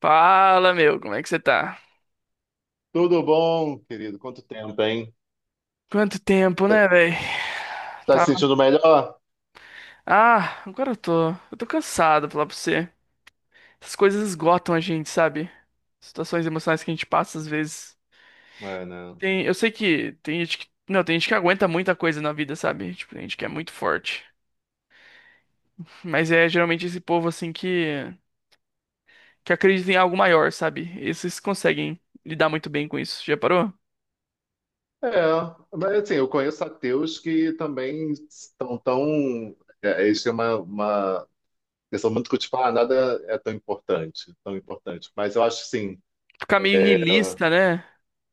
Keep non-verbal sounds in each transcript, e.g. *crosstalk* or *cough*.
Fala, meu, como é que você tá? Tudo bom, querido? Quanto tempo, hein? Quanto tempo, Tá, né, velho? tá se Tava. sentindo melhor? Ah, agora eu tô. Eu tô cansado, falar pra você. Essas coisas esgotam a gente, sabe? Situações emocionais que a gente passa às vezes. É, não. Eu sei que tem gente que. Não, tem gente que aguenta muita coisa na vida, sabe? Tipo, tem gente que é muito forte. Mas é geralmente esse povo, assim, que. Que acredita em algo maior, sabe? Esses conseguem lidar muito bem com isso. Já parou? É, mas assim, eu conheço ateus que também estão tão. É, eles têm uma questão muito que, tipo, ah, nada é tão importante, tão importante. Mas eu acho, que sim, Ficar meio niilista, né?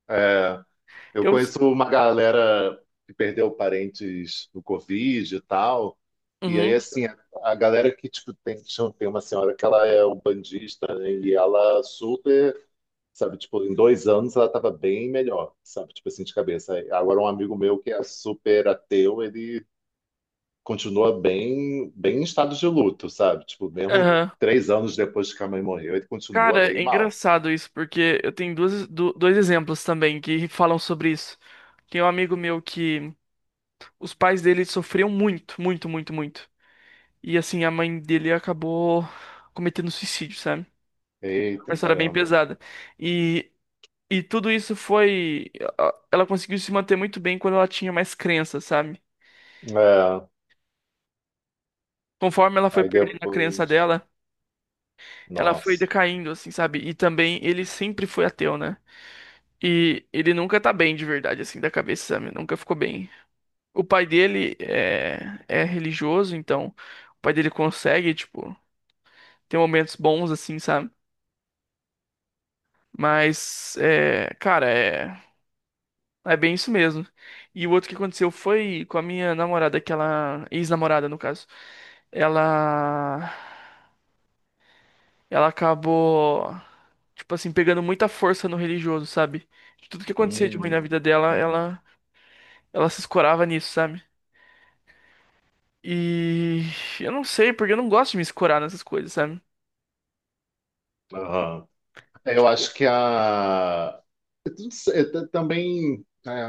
é, Eu Eu. conheço uma galera que perdeu parentes do Covid e tal. E aí, Uhum. assim, a galera que, tipo, tem uma senhora que ela é umbandista, né? E ela super, sabe, tipo, em 2 anos ela tava bem melhor, sabe? Tipo assim, de cabeça. Agora, um amigo meu que é super ateu, ele continua bem, bem em estado de luto, sabe? Tipo, mesmo Aham. 3 anos depois que a mãe morreu, ele continua Cara, é bem mal. engraçado isso, porque eu tenho dois exemplos também que falam sobre isso. Tem um amigo meu que os pais dele sofriam muito, muito, muito, muito. E assim, a mãe dele acabou cometendo suicídio, sabe? Uma Eita, história bem caramba. pesada. E, e tudo isso foi. Ela conseguiu se manter muito bem quando ela tinha mais crença, sabe? É, Conforme ela foi aí perdendo a crença depois. dela, ela foi Nossa. decaindo, assim, sabe? E também ele sempre foi ateu, né? E ele nunca tá bem de verdade, assim, da cabeça, sabe? Nunca ficou bem. O pai dele é religioso, então o pai dele consegue, tipo, ter momentos bons, assim, sabe? Mas, é bem isso mesmo. E o outro que aconteceu foi com a minha namorada, que ela, ex-namorada, no caso. Ela, ela acabou, tipo assim, pegando muita força no religioso, sabe? De tudo que acontecia de ruim na Hum, vida dela, uhum. Ela se escorava nisso, sabe? E eu não sei, porque eu não gosto de me escorar nessas coisas, sabe? Aham. Eu acho que a eu não sei, também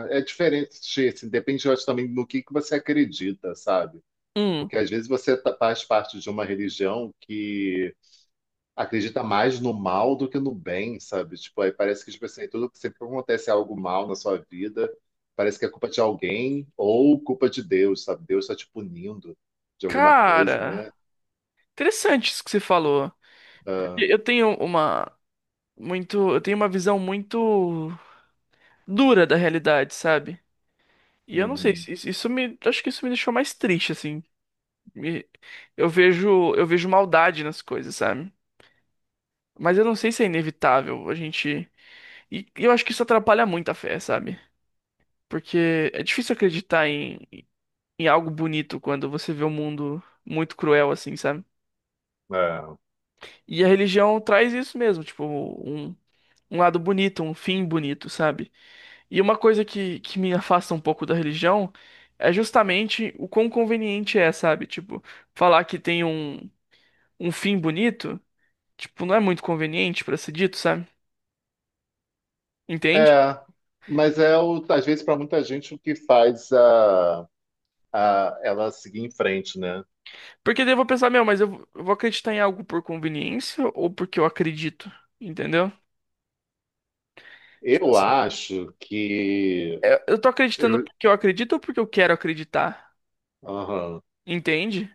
é diferente, assim, depende, eu acho, também no que você acredita, sabe? Hum, Porque às vezes você faz parte de uma religião que acredita mais no mal do que no bem, sabe? Tipo, aí parece que tipo assim, tudo que sempre acontece algo mal na sua vida, parece que é culpa de alguém ou culpa de Deus, sabe? Deus está te punindo de alguma coisa, cara, né? interessante isso que você falou. Ah, E eu tenho eu tenho uma visão muito dura da realidade, sabe? E eu não sei. Uhum. uhum. Isso me, acho que isso me deixou mais triste, assim. Me- eu vejo maldade nas coisas, sabe? Mas eu não sei se é inevitável a gente. E eu acho que isso atrapalha muito a fé, sabe? Porque é difícil acreditar em algo bonito quando você vê o um mundo muito cruel, assim, sabe? É. E a religião traz isso mesmo, tipo, um lado bonito, um fim bonito, sabe? E uma coisa que me afasta um pouco da religião é justamente o quão conveniente é, sabe? Tipo, falar que tem um, um fim bonito, tipo, não é muito conveniente pra ser dito, sabe? Entende? É, mas às vezes para muita gente o que faz ela seguir em frente, né? Porque daí eu vou pensar, meu, mas eu vou acreditar em algo por conveniência ou porque eu acredito, entendeu? Tipo Eu assim. acho que É, eu tô acreditando eu, porque eu acredito ou porque eu quero acreditar? aham. Entende?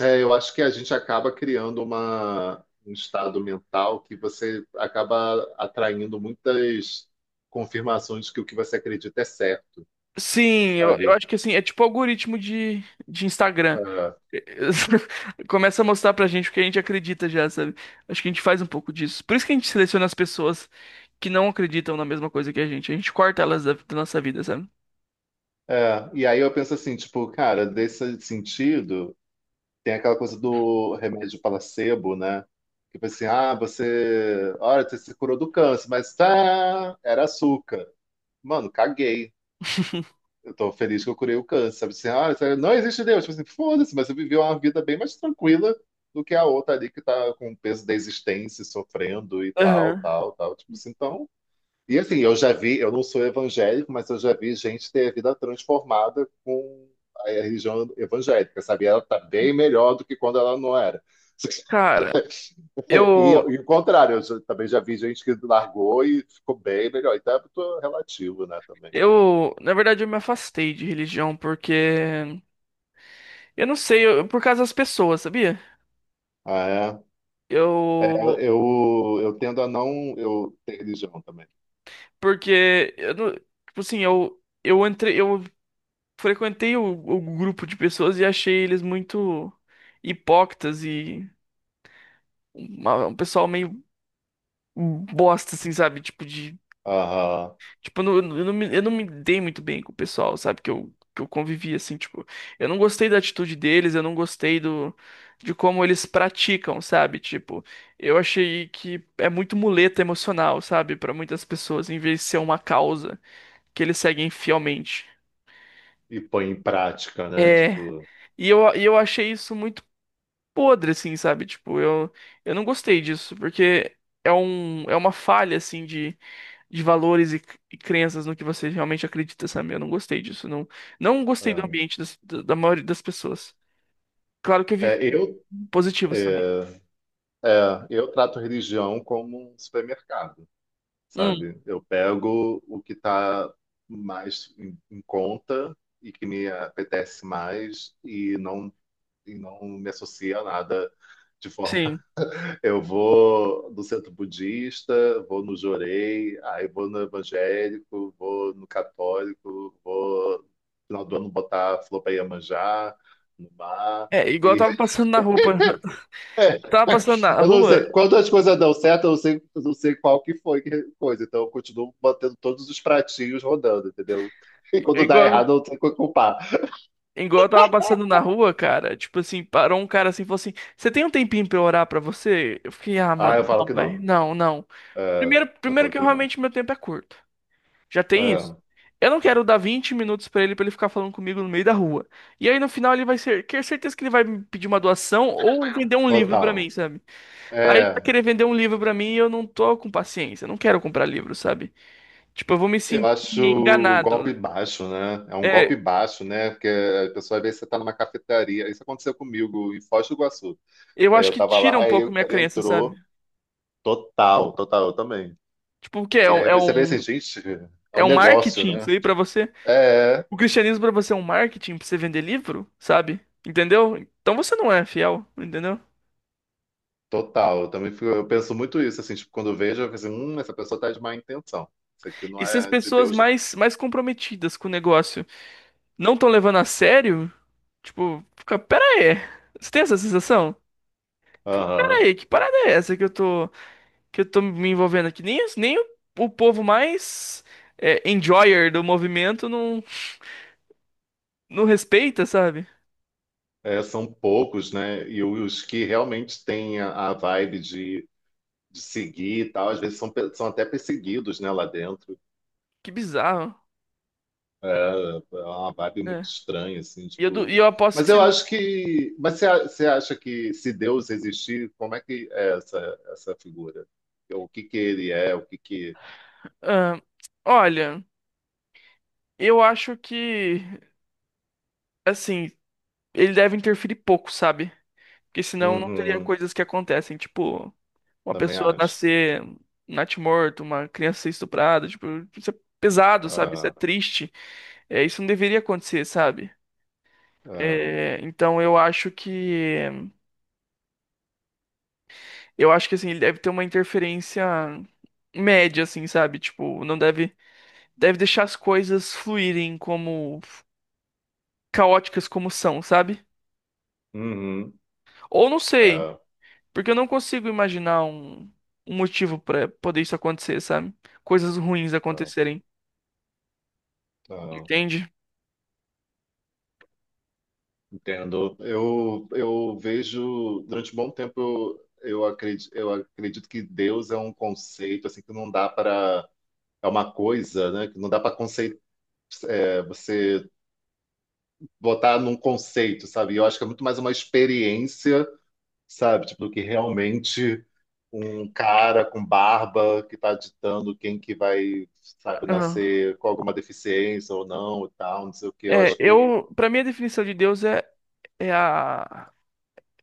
É, eu acho que a gente acaba criando um estado mental que você acaba atraindo muitas confirmações de que o que você acredita é certo, Sim, eu sabe? acho que assim, é tipo algoritmo de Instagram. É, *laughs* Começa a mostrar pra gente o que a gente acredita já, sabe? Acho que a gente faz um pouco disso. Por isso que a gente seleciona as pessoas que não acreditam na mesma coisa que a gente. A gente corta elas da nossa vida, sabe? é. E aí eu penso assim, tipo, cara, desse sentido. Tem aquela coisa do remédio placebo, né? Que foi assim, ah, você, olha, você se curou do câncer, mas tá, era açúcar. Mano, caguei. *laughs* Eu tô feliz que eu curei o câncer. Sabe assim, ah, isso aí não existe Deus. Tipo assim, foda-se, mas você viveu uma vida bem mais tranquila do que a outra ali que tá com o peso da existência, sofrendo e tal, Aham. tal, tal. Tipo assim, então e assim, eu já vi, eu não sou evangélico, mas eu já vi gente ter a vida transformada com a religião evangélica, sabe? Ela tá bem melhor do que quando ela não era. Cara, E eu. o contrário, também já vi gente que largou e ficou bem melhor. Então é muito relativo, né, também. Eu, na verdade, eu me afastei de religião porque eu não sei, por causa das pessoas, sabia? Ah, é. Eu É, eu tendo a não eu ter religião também. Porque eu não, tipo assim, eu entrei, eu frequentei o grupo de pessoas e achei eles muito hipócritas e um pessoal meio bosta assim, sabe? Tipo de Aham. tipo eu não, eu não me dei muito bem com o pessoal, sabe? Que eu convivi assim, tipo, eu não gostei da atitude deles, eu não gostei do de como eles praticam, sabe? Tipo, eu achei que é muito muleta emocional, sabe? Pra muitas pessoas, em vez de ser uma causa que eles seguem fielmente. E põe em prática, né? É, Tipo, e eu achei isso muito podre, assim, sabe? Eu não gostei disso, porque é uma falha, assim, de valores e crenças no que você realmente acredita, sabe? Eu não gostei disso, não, não gostei do é. ambiente da maioria das pessoas. Claro que eu vi É, eu, positivos também. é, é, eu trato religião como um supermercado. Hum, Sabe? Eu pego o que está mais em conta e que me apetece mais e e não me associa a nada de forma. sim. *laughs* Eu vou no centro budista, vou no Jorei, aí vou no evangélico, vou no católico, vou no final do ano botar flor para Iemanjá, no mar. É, igual eu E tava passando na rua. *laughs* tava passando na eu não sei. rua, Quando as coisas dão certo, eu não sei qual que foi que coisa. Então eu continuo mantendo todos os pratinhos rodando, entendeu? *laughs* E quando dá igual errado, eu não tenho que culpar. Igual eu tava passando na rua, cara, tipo assim, parou um cara assim e falou assim: Você tem um tempinho pra eu orar pra você? Eu fiquei, ah, Ah, eu mano, falo não, que velho, não. não, não. É, eu Primeiro falo que eu, que não. realmente meu tempo é curto. Já tem isso. É, Eu não quero dar 20 minutos pra ele ficar falando comigo no meio da rua. E aí no final ele vai ser, quer certeza que ele vai me pedir uma doação ou vender um livro pra mim, total. sabe? Aí ele vai É, querer vender um livro pra mim e eu não tô com paciência, eu não quero comprar livro, sabe? Tipo, eu vou me eu sentir acho golpe enganado. baixo, né? É um golpe É, baixo, né? Porque a pessoa às vezes você tá numa cafeteria. Isso aconteceu comigo em Foz do Iguaçu. eu É, acho eu que tava tira um lá e pouco o minha cara crença, sabe? entrou. Total, total, eu também. Tipo, o quê? E aí você vê assim, gente, é É um um negócio, marketing isso né? aí pra você? É, O cristianismo pra você é um marketing pra você vender livro, sabe? Entendeu? Então você não é fiel, entendeu? total, eu também eu penso muito isso, assim, tipo, quando eu vejo, eu penso, essa pessoa tá de má intenção. Isso aqui não E se as é de pessoas Deus, não. Mais comprometidas com o negócio não estão levando a sério, tipo, fica, pera aí. Você tem essa sensação? Tipo, pera Aham. aí, que parada é essa que eu tô me envolvendo aqui? Nem, o povo mais é, enjoyer do movimento não, não respeita, sabe? É, são poucos, né? E os que realmente têm a vibe de seguir e tal, às vezes são, são até perseguidos, né, lá dentro. Que bizarro. É, é uma vibe muito É. estranha, assim, tipo. e eu aposto Mas que se eu acho que. Mas você, você acha que se Deus existir, como é que é essa figura? O que que ele é? O que que. Ah, olha, eu acho que, assim, ele deve interferir pouco, sabe? Porque senão não teria Uhum, coisas que acontecem, tipo, uma também pessoa acho. nascer natimorto, uma criança ser estuprada, tipo, isso é pesado, sabe? Isso é Ah. triste. É, isso não deveria acontecer, sabe? É, É, então eu acho que, assim, ele deve ter uma interferência média, assim, sabe? Tipo, não deve, deve deixar as coisas fluírem como, caóticas como são, sabe? uhum, Ou não sei. é, Porque eu não consigo imaginar um motivo pra poder isso acontecer, sabe? Coisas ruins é, acontecerem, é, entende? entendo. Eu vejo, durante um bom tempo, eu acredito, eu acredito que Deus é um conceito, assim, que não dá para, é uma coisa, né, que não dá para conceito, você botar num conceito, sabe? Eu acho que é muito mais uma experiência, sabe? Tipo, do que realmente um cara com barba que está ditando quem que vai, sabe, Aham. nascer com alguma deficiência ou não e tal, não sei o quê. Eu É, acho que. eu, para mim a definição de Deus é é a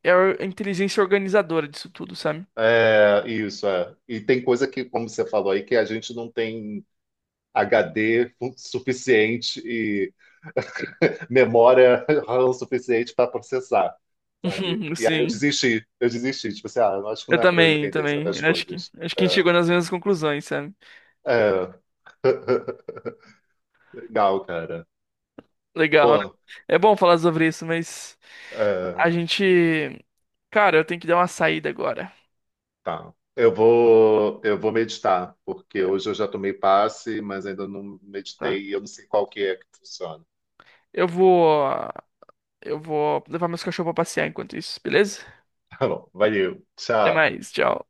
é a inteligência organizadora disso tudo, sabe? É, isso, é. E tem coisa que, como você falou aí, que a gente não tem HD *laughs* suficiente e memória *laughs* RAM suficiente para processar, sabe? *laughs* E aí eu Sim. desisti, eu desisti. Tipo assim, ah, eu acho que não é para eu Eu entender também. certas Eu coisas. acho que a gente É, chegou nas mesmas conclusões, sabe? é. *laughs* Legal, cara. Legal, né? Pô, É bom falar sobre isso, mas é, a gente, cara, eu tenho que dar uma saída agora. tá. Eu vou meditar, porque É, hoje eu já tomei passe, mas ainda não tá? meditei e eu não sei qual que é que funciona. Eu vou eu vou levar meus cachorros pra passear enquanto isso, beleza? *laughs* Tá bom, valeu. Até Tchau. mais, tchau.